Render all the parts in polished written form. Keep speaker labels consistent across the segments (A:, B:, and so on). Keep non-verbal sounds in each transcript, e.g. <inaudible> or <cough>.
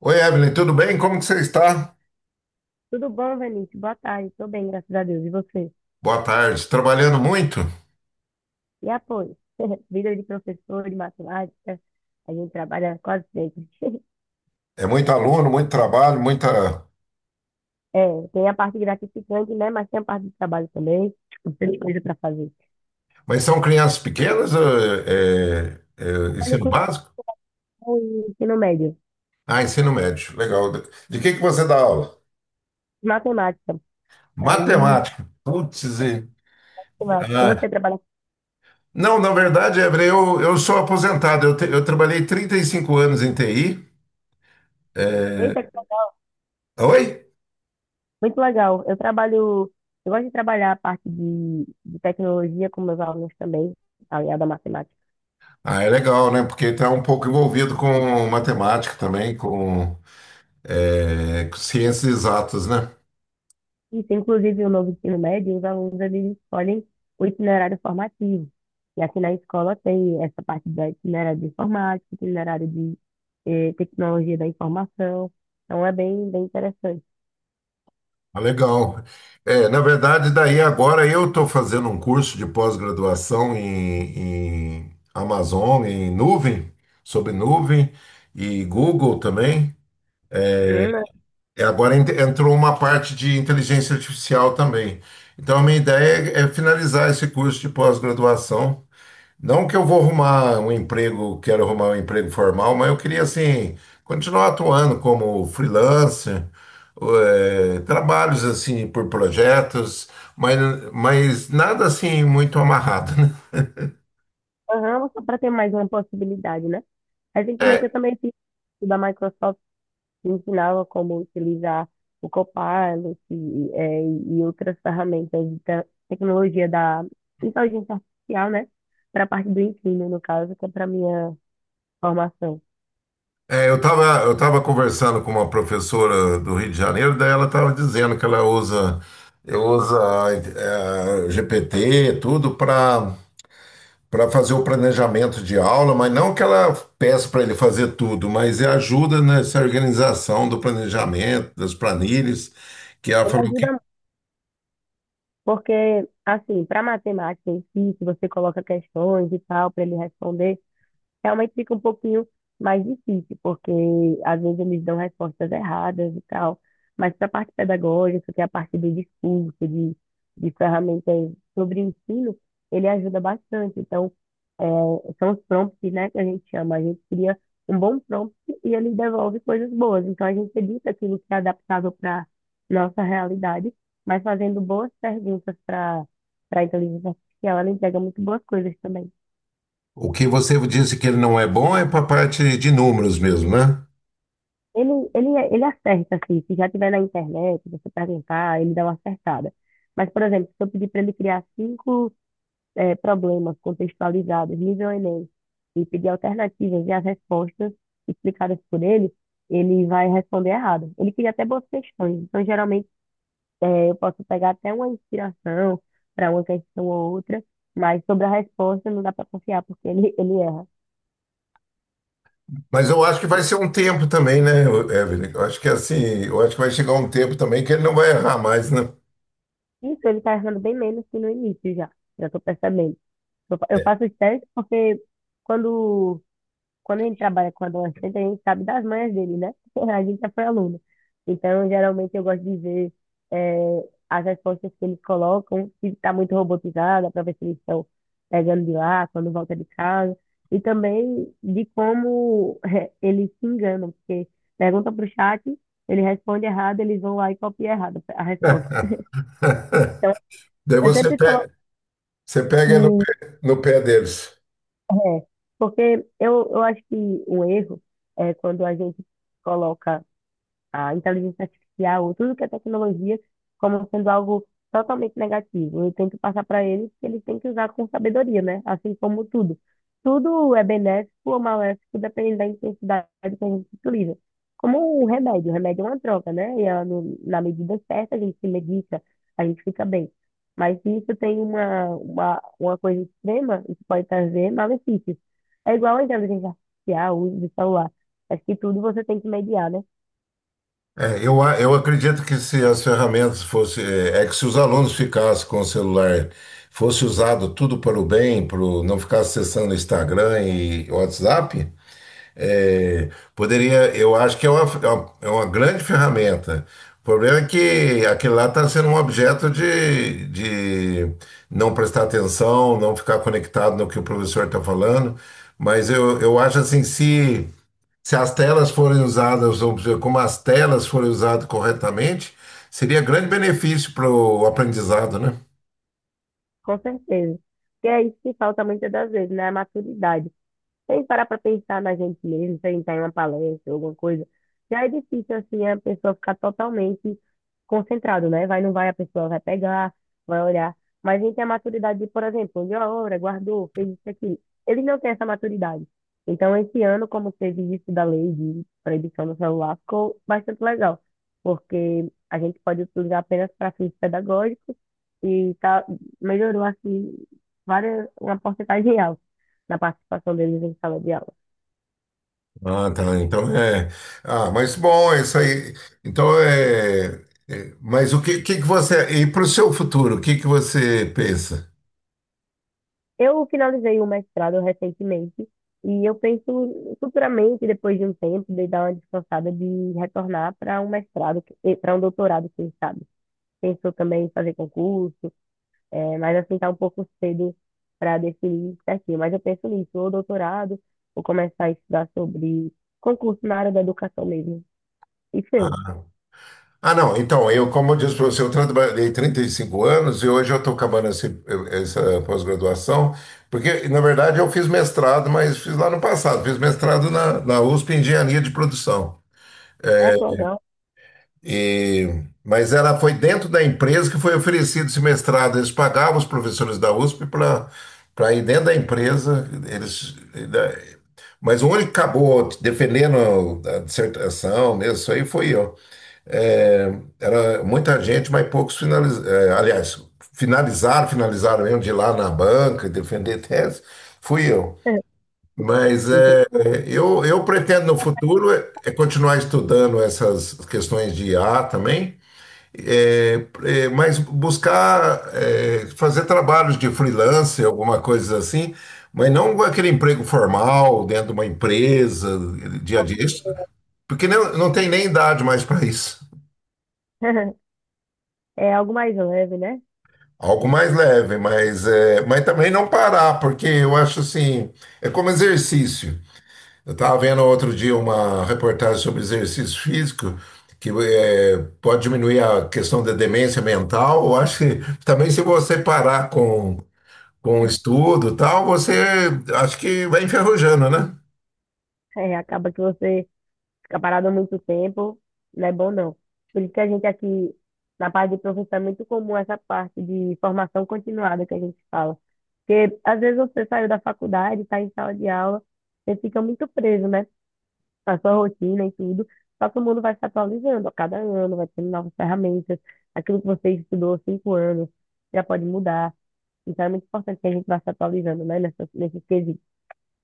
A: Oi, Evelyn, tudo bem? Como que você está?
B: Tudo bom, Vinícius? Boa tarde. Tô bem, graças a Deus. E você?
A: Boa tarde. Trabalhando muito?
B: E apoio? <laughs> Vida de professor de matemática, a gente trabalha quase sempre. <laughs>
A: É muito aluno, muito trabalho, muita.
B: É, tem a parte gratificante, né? Mas tem a parte de trabalho também. Tem coisa para fazer.
A: Mas são crianças pequenas?
B: Trabalho
A: Ensino
B: com
A: básico?
B: com ensino médio,
A: Ah, ensino médio. Legal. De que você dá aula?
B: matemática. Aí,
A: Matemática. Putz
B: matemática.
A: ah.
B: Você trabalha com...
A: Não, na verdade, Evelyn, eu sou aposentado. Eu trabalhei 35 anos em TI.
B: Eita, que legal.
A: Oi?
B: Muito legal. Eu trabalho... Eu gosto de trabalhar a parte de tecnologia com meus alunos também, aliado à matemática.
A: Ah, é legal, né? Porque está um pouco envolvido com matemática também, com ciências exatas, né?
B: Isso, inclusive, o novo ensino médio, os alunos eles escolhem o itinerário formativo. E aqui na escola tem essa parte da itinerário de informática, itinerário de tecnologia da informação. Então é bem, bem interessante.
A: Ah, legal. É, na verdade, daí agora eu estou fazendo um curso de pós-graduação em Amazon, em nuvem, sobre nuvem e Google também.
B: Hum,
A: E agora entrou uma parte de inteligência artificial também. Então, a minha ideia é finalizar esse curso de pós-graduação. Não que eu vou arrumar um emprego, quero arrumar um emprego formal, mas eu queria, assim, continuar atuando como freelancer, trabalhos, assim, por projetos, mas, mas nada, assim, muito amarrado, né? <laughs>
B: aham, só para ter mais uma possibilidade, né? Recentemente eu
A: É,
B: também fiz o da Microsoft que ensinava como utilizar o Copilot e outras ferramentas de tecnologia da inteligência artificial, né? Para a parte do ensino, no caso, que é para minha formação.
A: eu tava conversando com uma professora do Rio de Janeiro, daí ela estava dizendo que ela usa, GPT, tudo, para fazer o planejamento de aula, mas não que ela peça para ele fazer tudo, mas é ajuda nessa organização do planejamento, das planilhas, que ela
B: Ele
A: falou que.
B: ajuda muito, porque, assim, para matemática em si, se você coloca questões e tal, para ele responder, realmente fica um pouquinho mais difícil, porque às vezes eles dão respostas erradas e tal. Mas para a parte pedagógica, que é a parte do discurso, de ferramentas sobre ensino, ele ajuda bastante. Então, é, são os prompts, né, que a gente chama. A gente cria um bom prompt e ele devolve coisas boas. Então, a gente edita aquilo que é adaptável para nossa realidade, mas fazendo boas perguntas para a inteligência artificial, ela entrega muito boas coisas também.
A: O que você disse que ele não é bom é para a parte de números mesmo, né?
B: Ele, ele, ele acerta, assim, se já tiver na internet, você perguntar, ele dá uma acertada. Mas, por exemplo, se eu pedir para ele criar cinco problemas contextualizados, nível Enem, e pedir alternativas e as respostas explicadas por ele, ele vai responder errado. Ele cria até boas questões. Então, geralmente, eu posso pegar até uma inspiração para uma questão ou outra, mas sobre a resposta não dá para confiar, porque ele erra.
A: Mas eu acho que vai ser um tempo também, né, Evelyn? Eu acho que assim, eu acho que vai chegar um tempo também que ele não vai errar mais, né?
B: Isso, ele está errando bem menos que no início já. Já estou percebendo. Eu faço os testes porque quando, quando a gente trabalha com adolescente, a gente sabe das manhas dele, né? <laughs> A gente já foi aluno. Então, geralmente, eu gosto de ver as respostas que eles colocam, se está muito robotizada, para ver se eles estão pegando de lá, quando volta de casa. E também de como eles se enganam, porque pergunta para o chat, ele responde errado, eles vão lá e copiam errado a resposta.
A: <laughs>
B: Então,
A: Daí
B: eu
A: você
B: sempre coloco.
A: pe- você pega no
B: Que
A: pé, no pé deles.
B: É, porque eu acho que um erro é quando a gente coloca a inteligência artificial, tudo que é tecnologia, como sendo algo totalmente negativo. Eu tento passar para eles que eles têm que usar com sabedoria, né? Assim como tudo. Tudo é benéfico ou maléfico, dependendo da intensidade que a gente utiliza. Como o remédio é uma droga, né? E ela, na medida certa, a gente se medica, a gente fica bem. Mas se isso tem uma coisa extrema, isso pode trazer malefícios. É igual a inteligência artificial, o uso de celular. Acho que tudo você tem que mediar, né?
A: É, eu acredito que se as ferramentas fossem. É, é que se os alunos ficassem com o celular, fosse usado tudo para o bem, não ficar acessando Instagram e WhatsApp, é, poderia. Eu acho que é uma grande ferramenta. O problema é que aquilo lá está sendo um objeto de não prestar atenção, não ficar conectado no que o professor está falando. Mas eu acho assim, se. Se as telas forem usadas, ou seja, como as telas forem usadas corretamente, seria grande benefício para o aprendizado, né?
B: Com certeza. Porque é isso que falta muitas das vezes, né? A maturidade. Sem parar para pensar na gente mesmo, sem estar em uma palestra, alguma coisa. Já é difícil, assim, a pessoa ficar totalmente concentrada, né? Vai, não vai, a pessoa vai pegar, vai olhar. Mas a gente tem a maturidade de, por exemplo, olhou a obra, guardou, fez isso aqui. Eles não têm essa maturidade. Então, esse ano, como teve isso da lei de proibição do celular, ficou bastante legal, porque a gente pode utilizar apenas para fins pedagógicos e tá, melhorou, assim, uma porcentagem alta na participação deles em sala de aula.
A: Ah, tá. Então é. Ah, mas bom, é isso aí. Então é. Mas o que, que você. E para o seu futuro, o que que você pensa?
B: Eu finalizei o mestrado recentemente e eu penso futuramente, depois de um tempo, de dar uma descansada de retornar para um mestrado, para um doutorado, quem sabe. Pensou também em fazer concurso, mas assim está um pouco cedo para definir certinho. Mas eu penso nisso, ou doutorado, ou começar a estudar sobre concurso na área da educação mesmo. E seu?
A: Ah, não. Então, eu, como eu disse para você, eu trabalhei 35 anos e hoje eu estou acabando essa pós-graduação, porque, na verdade, eu fiz mestrado, mas fiz lá no passado, fiz mestrado na USP em Engenharia de Produção.
B: Ah, que legal.
A: E, mas ela foi dentro da empresa que foi oferecido esse mestrado. Eles pagavam os professores da USP para ir dentro da empresa. Eles, né, mas o único que acabou defendendo a dissertação mesmo, isso aí foi eu. É, era muita gente, mas poucos finalizaram. Aliás, finalizaram, finalizaram mesmo de ir lá na banca, e defender tese, fui eu.
B: <laughs>
A: Mas
B: Entendi.
A: é, eu pretendo no futuro é continuar estudando essas questões de IA também. Mas buscar é, fazer trabalhos de freelance, alguma coisa assim, mas não aquele emprego formal dentro de uma empresa, dia a dia, isso- porque não, não tem nem idade mais para isso.
B: <laughs> É algo mais leve, né?
A: Algo mais leve, mas também não parar, porque eu acho assim, é como exercício. Eu estava vendo outro dia uma reportagem sobre exercício físico, que pode diminuir a questão da demência mental. Eu acho que também se você parar com o
B: <laughs>
A: estudo e tal, você acho que vai enferrujando, né?
B: É, acaba que você ficar parado há muito tempo não é bom, não. Por isso que a gente aqui, na parte de professor, é muito comum essa parte de formação continuada que a gente fala. Porque às vezes você saiu da faculdade, está em sala de aula, você fica muito preso, né? Na sua rotina e tudo. Só que o mundo vai se atualizando a cada ano, vai tendo novas ferramentas. Aquilo que você estudou há 5 anos já pode mudar. Então é muito importante que a gente vá se atualizando, né? Nesse quesito.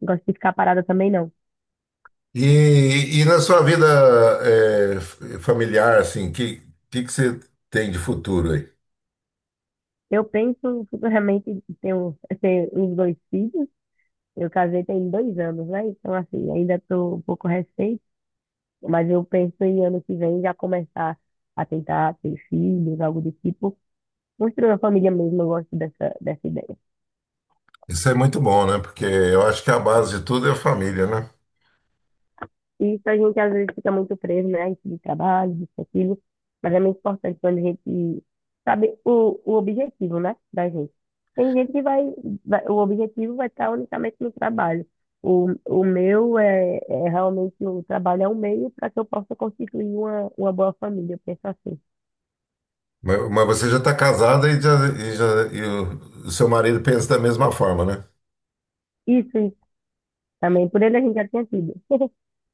B: Não gosto de ficar parada também, não.
A: E na sua vida familiar, assim, que que você tem de futuro aí?
B: Eu penso futuramente em ter uns dois filhos. Eu casei tem 2 anos, né? Então, assim, ainda estou um pouco recente, mas eu penso em ano que vem já começar a tentar ter filhos, algo do tipo. Construir uma família mesmo, eu gosto dessa ideia.
A: Isso é muito bom, né? Porque eu acho que a base de tudo é a família, né?
B: E isso a gente às vezes fica muito preso, né? Isso de trabalho, disso, aquilo. Mas é muito importante quando a gente sabe o objetivo, né? Da gente. Tem gente que o objetivo vai estar unicamente no trabalho. O meu é, é realmente o trabalho é um meio para que eu possa constituir uma boa família, eu penso assim.
A: Mas você já está casada e o seu marido pensa da mesma forma, né?
B: Isso também, por ele a gente já tinha tido.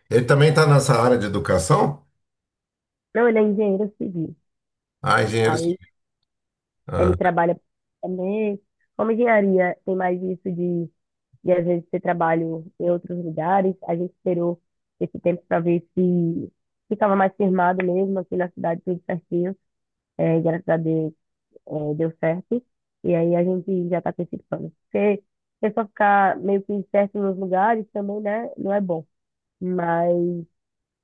A: Ele também está nessa área de educação?
B: Não, ele é engenheiro civil.
A: Ah, engenheiro
B: Aí
A: civil.
B: ele
A: Ah,
B: trabalha também. Como engenharia tem mais isso de e às vezes ter trabalho em outros lugares. A gente esperou esse tempo para ver se ficava mais firmado mesmo aqui na cidade, tudo certinho. É, e graças a Deus, deu certo. E aí a gente já está com esse plano. Porque você só ficar meio que certo nos lugares também, né, não é bom. Mas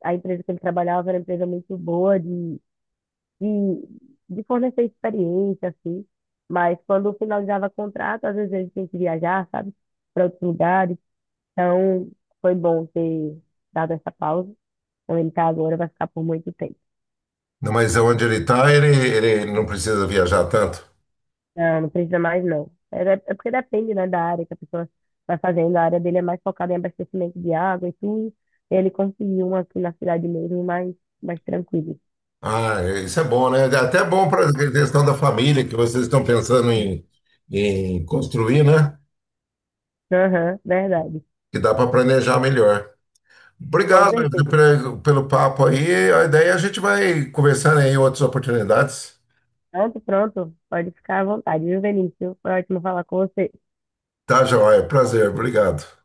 B: a empresa que ele trabalhava era uma empresa muito boa de, de fornecer experiência, assim. Mas quando finalizava o contrato, às vezes a gente tinha que viajar, sabe, para outros lugares. Então, foi bom ter dado essa pausa. Onde ele tá agora vai ficar por muito tempo.
A: não, mas onde ele está, ele não precisa viajar tanto.
B: Não, não precisa mais, não. É porque depende, né, da área que a pessoa vai fazendo. A área dele é mais focada em abastecimento de água e tudo. Ele conseguiu uma aqui na cidade mesmo, mais, mais tranquilo.
A: Ah, isso é bom, né? É até bom para a questão da família que vocês estão pensando em construir, né?
B: Aham, verdade.
A: Que dá para planejar melhor.
B: Com
A: Obrigado
B: certeza.
A: pelo papo aí. A ideia é a gente vai conversando aí em outras oportunidades.
B: Pronto, pronto. Pode ficar à vontade, viu, Vinícius? Foi ótimo falar com você.
A: Tá, joia. Prazer. Obrigado.